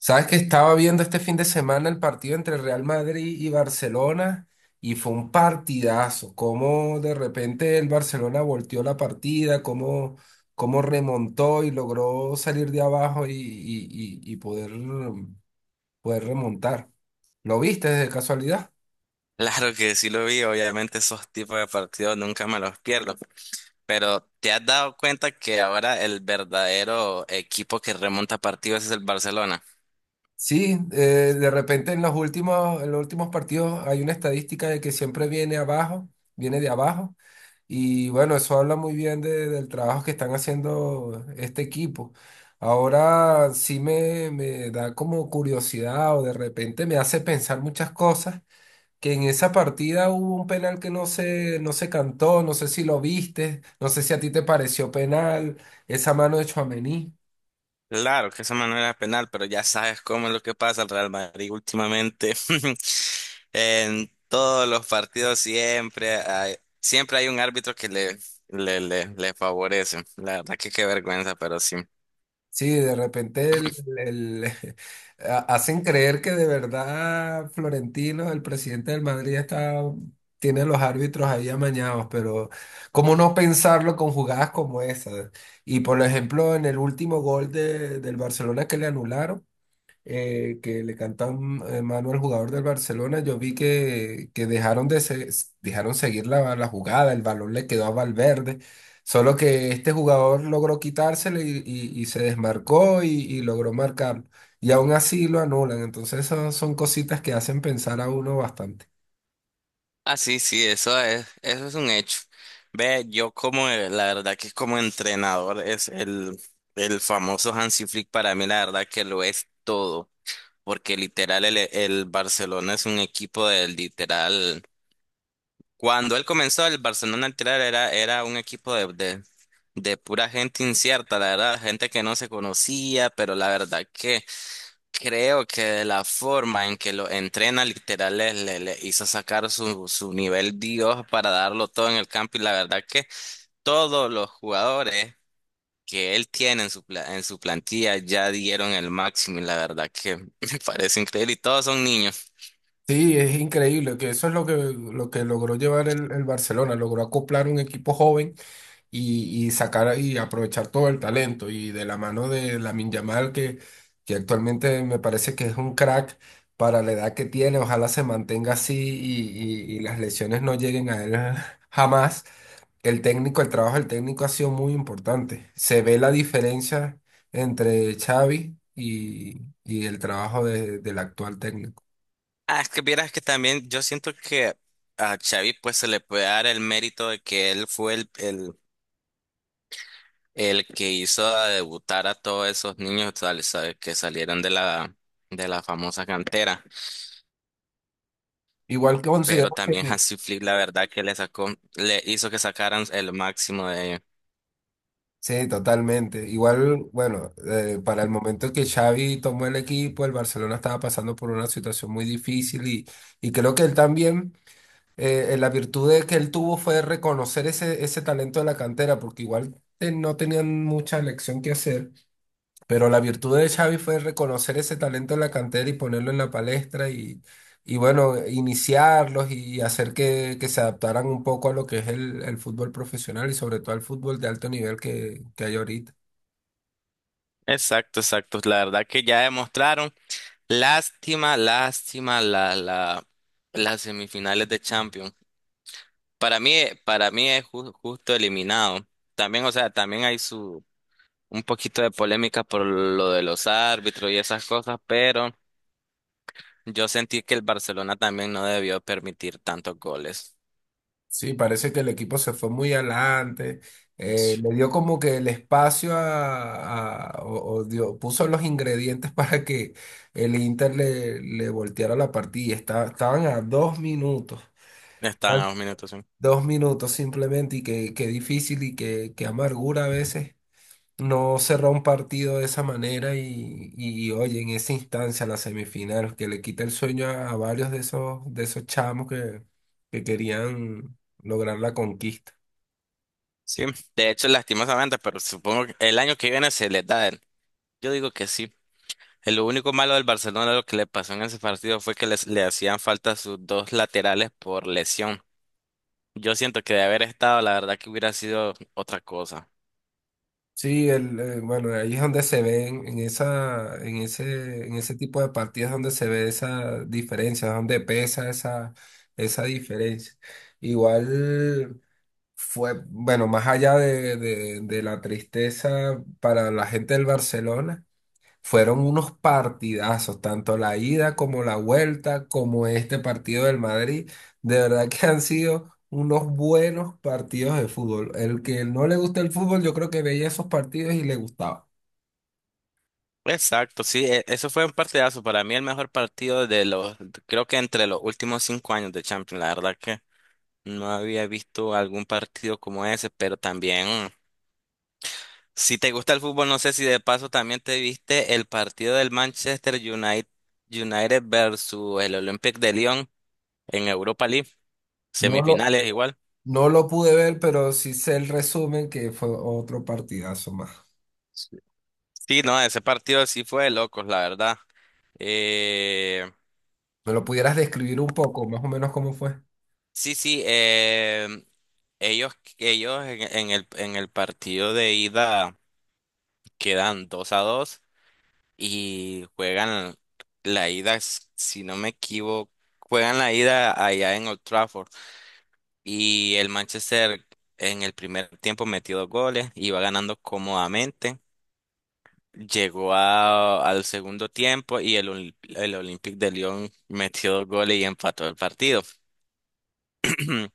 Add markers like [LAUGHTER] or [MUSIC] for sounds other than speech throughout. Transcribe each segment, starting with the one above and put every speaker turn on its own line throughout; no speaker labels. Sabes que estaba viendo este fin de semana el partido entre Real Madrid y Barcelona y fue un partidazo. Cómo de repente el Barcelona volteó la partida, cómo remontó y logró salir de abajo y poder, poder remontar. ¿Lo viste de casualidad?
Claro que sí lo vi, obviamente esos tipos de partidos nunca me los pierdo. Pero ¿te has dado cuenta que ahora el verdadero equipo que remonta partidos es el Barcelona?
Sí, de repente en en los últimos partidos hay una estadística de que siempre viene abajo, viene de abajo. Y bueno, eso habla muy bien del trabajo que están haciendo este equipo. Ahora sí me da como curiosidad o de repente me hace pensar muchas cosas, que en esa partida hubo un penal que no se cantó, no sé si lo viste, no sé si a ti te pareció penal, esa mano de Tchouaméni.
Claro que esa manera es penal, pero ya sabes cómo es lo que pasa al Real Madrid últimamente. [LAUGHS] En todos los partidos siempre hay un árbitro que le favorece. La verdad que qué vergüenza, pero sí.
Sí, de repente el- [LAUGHS] hacen creer que de verdad Florentino, el presidente del Madrid, está, tiene a los árbitros ahí amañados, pero ¿cómo no pensarlo con jugadas como esa? Y por ejemplo, en el último gol del Barcelona que le anularon que le canta un mano al jugador del Barcelona, yo vi que dejaron seguir la jugada, el balón le quedó a Valverde, solo que este jugador logró quitárselo y se desmarcó y logró marcarlo. Y aún así lo anulan, entonces esas son cositas que hacen pensar a uno bastante.
Ah, sí, sí, eso es un hecho. Ve, yo como, la verdad que como entrenador es el famoso Hansi Flick. Para mí, la verdad que lo es todo, porque literal el Barcelona es un equipo del literal. Cuando él comenzó, el Barcelona literal era un equipo de pura gente incierta, la verdad, gente que no se conocía, pero la verdad que creo que la forma en que lo entrena literal le hizo sacar su nivel Dios para darlo todo en el campo, y la verdad que todos los jugadores que él tiene en su plantilla ya dieron el máximo, y la verdad que [LAUGHS] me parece increíble y todos son niños.
Sí, es increíble que eso es lo que logró llevar el Barcelona, logró acoplar un equipo joven y sacar y aprovechar todo el talento. Y de la mano de Lamine Yamal, que actualmente me parece que es un crack para la edad que tiene, ojalá se mantenga así y las lesiones no lleguen a él [LAUGHS] jamás. El técnico, el trabajo del técnico ha sido muy importante. Se ve la diferencia entre Xavi y el trabajo del actual técnico.
Ah, es que vieras que también yo siento que a Xavi pues se le puede dar el mérito de que él fue el que hizo a debutar a todos esos niños, sabe, que salieron de la famosa cantera.
Igual que
Pero
considero
también
que
Hansi Flick, la verdad que le sacó, le hizo que sacaran el máximo de ellos.
sí, totalmente. Igual, bueno, para el momento que Xavi tomó el equipo, el Barcelona estaba pasando por una situación muy difícil y creo que él también, la virtud de que él tuvo fue reconocer ese talento de la cantera, porque igual no tenían mucha elección que hacer, pero la virtud de Xavi fue reconocer ese talento de la cantera y ponerlo en la palestra y bueno, iniciarlos y hacer que se adaptaran un poco a lo que es el fútbol profesional y sobre todo al fútbol de alto nivel que hay ahorita.
Exacto, exacto. La verdad que ya demostraron. Lástima las semifinales de Champions. Para mí, para mí es justo eliminado. También, o sea, también hay su un poquito de polémica por lo de los árbitros y esas cosas, pero yo sentí que el Barcelona también no debió permitir tantos goles.
Sí, parece que el equipo se fue muy adelante,
Sí.
le dio como que el espacio a puso los ingredientes [LAUGHS] para que el Inter le volteara la partida. Estaban a dos minutos,
Estaban
eran
a dos minutos. Sí.
dos minutos simplemente y qué difícil y qué amargura a veces no cerrar un partido de esa manera y oye, en esa instancia, la semifinal, que le quita el sueño a varios de de esos chamos que querían lograr la conquista.
Sí, de hecho, lastimosamente, pero supongo que el año que viene se les da. Yo digo que sí. Lo único malo del Barcelona, lo que le pasó en ese partido fue que le hacían falta sus dos laterales por lesión. Yo siento que de haber estado, la verdad que hubiera sido otra cosa.
Sí, bueno, ahí es donde se ven, en ese tipo de partidas donde se ve esa diferencia, donde pesa esa diferencia. Igual fue, bueno, más allá de la tristeza para la gente del Barcelona, fueron unos partidazos, tanto la ida como la vuelta, como este partido del Madrid. De verdad que han sido unos buenos partidos de fútbol. El que no le gusta el fútbol, yo creo que veía esos partidos y le gustaba.
Exacto, sí, eso fue un partidazo. Para mí el mejor partido de los, creo que entre los últimos cinco años de Champions. La verdad que no había visto algún partido como ese, pero también, si te gusta el fútbol, no sé si de paso también te viste el partido del Manchester United versus el Olympique de Lyon en Europa League,
No lo,
semifinales igual.
no lo pude ver, pero sí sé el resumen que fue otro partidazo más.
Sí, sí, no, ese partido sí fue de locos, la verdad. Eh,
¿Me lo pudieras describir un poco, más o menos cómo fue?
sí, sí, ellos, ellos en, en el partido de ida quedan 2 a 2 y juegan la ida, si no me equivoco, juegan la ida allá en Old Trafford. Y el Manchester en el primer tiempo metió dos goles, iba ganando cómodamente. Llegó al segundo tiempo y el Olympique de Lyon metió dos goles y empató el partido. [CLEARS THROAT]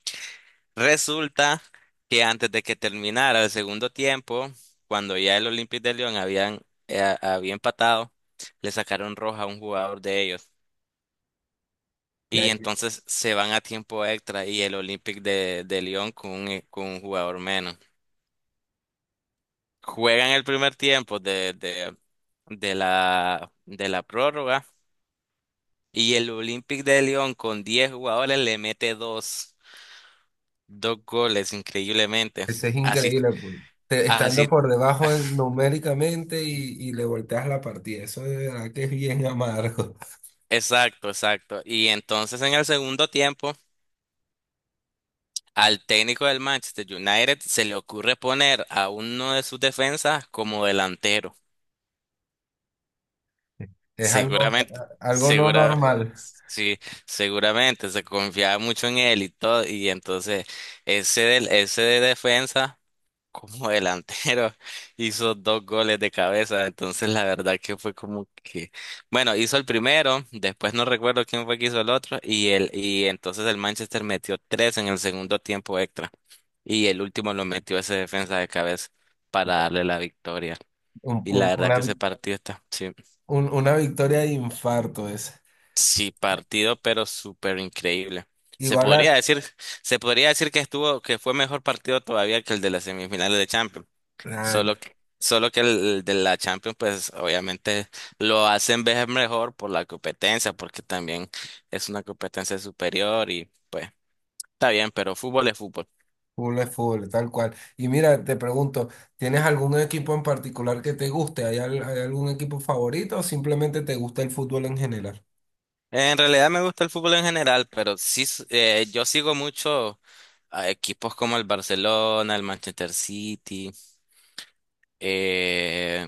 Resulta que antes de que terminara el segundo tiempo, cuando ya el Olympique de Lyon había empatado, le sacaron roja a un jugador de ellos.
Y
Y
ahí,
entonces se van a tiempo extra y el Olympique de Lyon con un jugador menos. Juegan el primer tiempo de la prórroga y el Olympique de León con 10 jugadores le mete dos goles increíblemente.
ese es
Así,
increíble, pues. Estando
así,
por debajo numéricamente y le volteas la partida. Eso de verdad que es bien [LAUGHS] amargo.
exacto, exacto. Y entonces en el segundo tiempo, al técnico del Manchester United se le ocurre poner a uno de sus defensas como delantero.
Es algo,
Seguramente,
algo no
segura,
normal.
sí, seguramente se confiaba mucho en él y todo, y entonces ese de defensa como delantero [LAUGHS] hizo dos goles de cabeza. Entonces la verdad que fue como que, bueno, hizo el primero, después no recuerdo quién fue que hizo el otro, y y entonces el Manchester metió tres en el segundo tiempo extra, y el último lo metió ese defensa de cabeza para darle la victoria,
Un-
y la
un-
verdad
una,
que ese partido está, sí.
una victoria de infarto es.
Sí, partido, pero súper increíble. Se
Igual a...
podría decir, se podría decir que estuvo, que fue mejor partido todavía que el de las semifinales de Champions.
Ay,
Solo que el de la Champions, pues obviamente lo hacen ver mejor por la competencia, porque también es una competencia superior y pues está bien, pero fútbol es fútbol.
full es full, tal cual. Y mira, te pregunto, ¿tienes algún equipo en particular que te guste? ¿Hay algún equipo favorito o simplemente te gusta el fútbol en general?
En realidad me gusta el fútbol en general, pero sí, yo sigo mucho a equipos como el Barcelona, el Manchester City. Eh,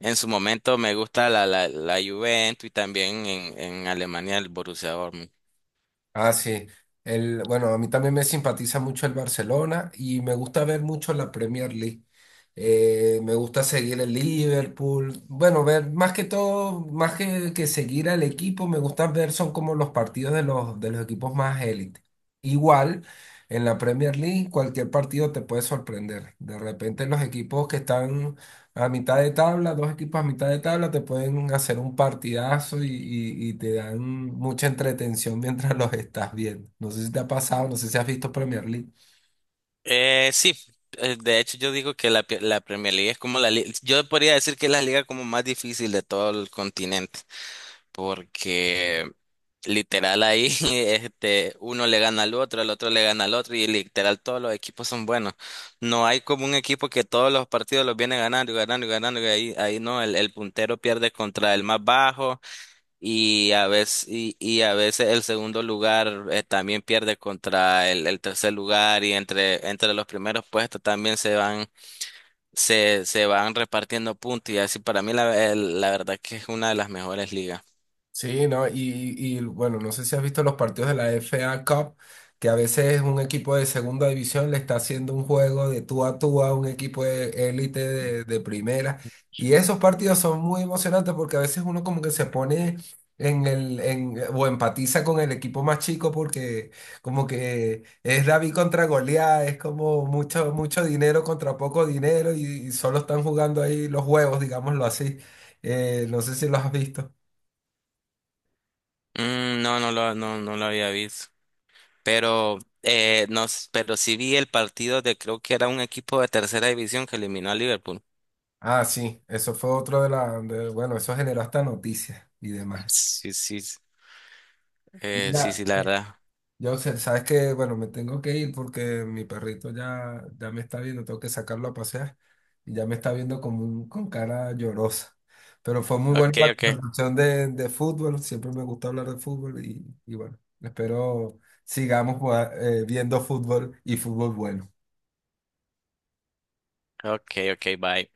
En su momento me gusta la Juventus, y también en Alemania el Borussia Dortmund.
Ah, sí. El, bueno, a mí también me simpatiza mucho el Barcelona y me gusta ver mucho la Premier League. Me gusta seguir el Liverpool. Bueno, ver más que todo, que seguir al equipo, me gusta ver son como los partidos de de los equipos más élite. Igual, en la Premier League, cualquier partido te puede sorprender. De repente los equipos que están a mitad de tabla, dos equipos a mitad de tabla te pueden hacer un partidazo y te dan mucha entretención [LAUGHS] mientras los estás viendo. No sé si te ha pasado, no sé si has visto Premier League.
Sí, de hecho yo digo que la Premier League es como la liga, yo podría decir que es la liga como más difícil de todo el continente, porque literal ahí [LAUGHS] este, uno le gana al otro, el otro le gana al otro, y literal todos los equipos son buenos. No hay como un equipo que todos los partidos los viene ganando y ganando y ganando, y ahí, ahí no, el puntero pierde contra el más bajo. Y a veces el segundo lugar también pierde contra el tercer lugar, y entre los primeros puestos también se van repartiendo puntos. Y así para mí la verdad que es una de las mejores ligas.
Sí, ¿no? Y bueno, no sé si has visto los partidos de la FA Cup, que a veces un equipo de segunda división le está haciendo un juego de tú a tú a un equipo de élite de primera. Y esos partidos son muy emocionantes porque a veces uno como que se pone en el, en, o empatiza con el equipo más chico porque como que es David contra Goliat, es como mucho, mucho dinero contra poco dinero y solo están jugando ahí los huevos, digámoslo así. No sé si los has visto.
Mm, no, no lo había visto. Pero, no, pero sí vi el partido de creo que era un equipo de tercera división que eliminó a Liverpool.
Ah, sí, eso fue otro de la. Bueno, eso generó hasta noticias y demás.
Sí, sí, sí, sí,
Mira,
la verdad.
sabes que, bueno, me tengo que ir porque mi perrito ya me está viendo, tengo que sacarlo a pasear y ya me está viendo como con cara llorosa. Pero fue muy buena
Ok,
la
ok,
conversación de fútbol, siempre me gusta hablar de fútbol y bueno, espero sigamos jugando, viendo fútbol y fútbol bueno.
ok, ok, bye.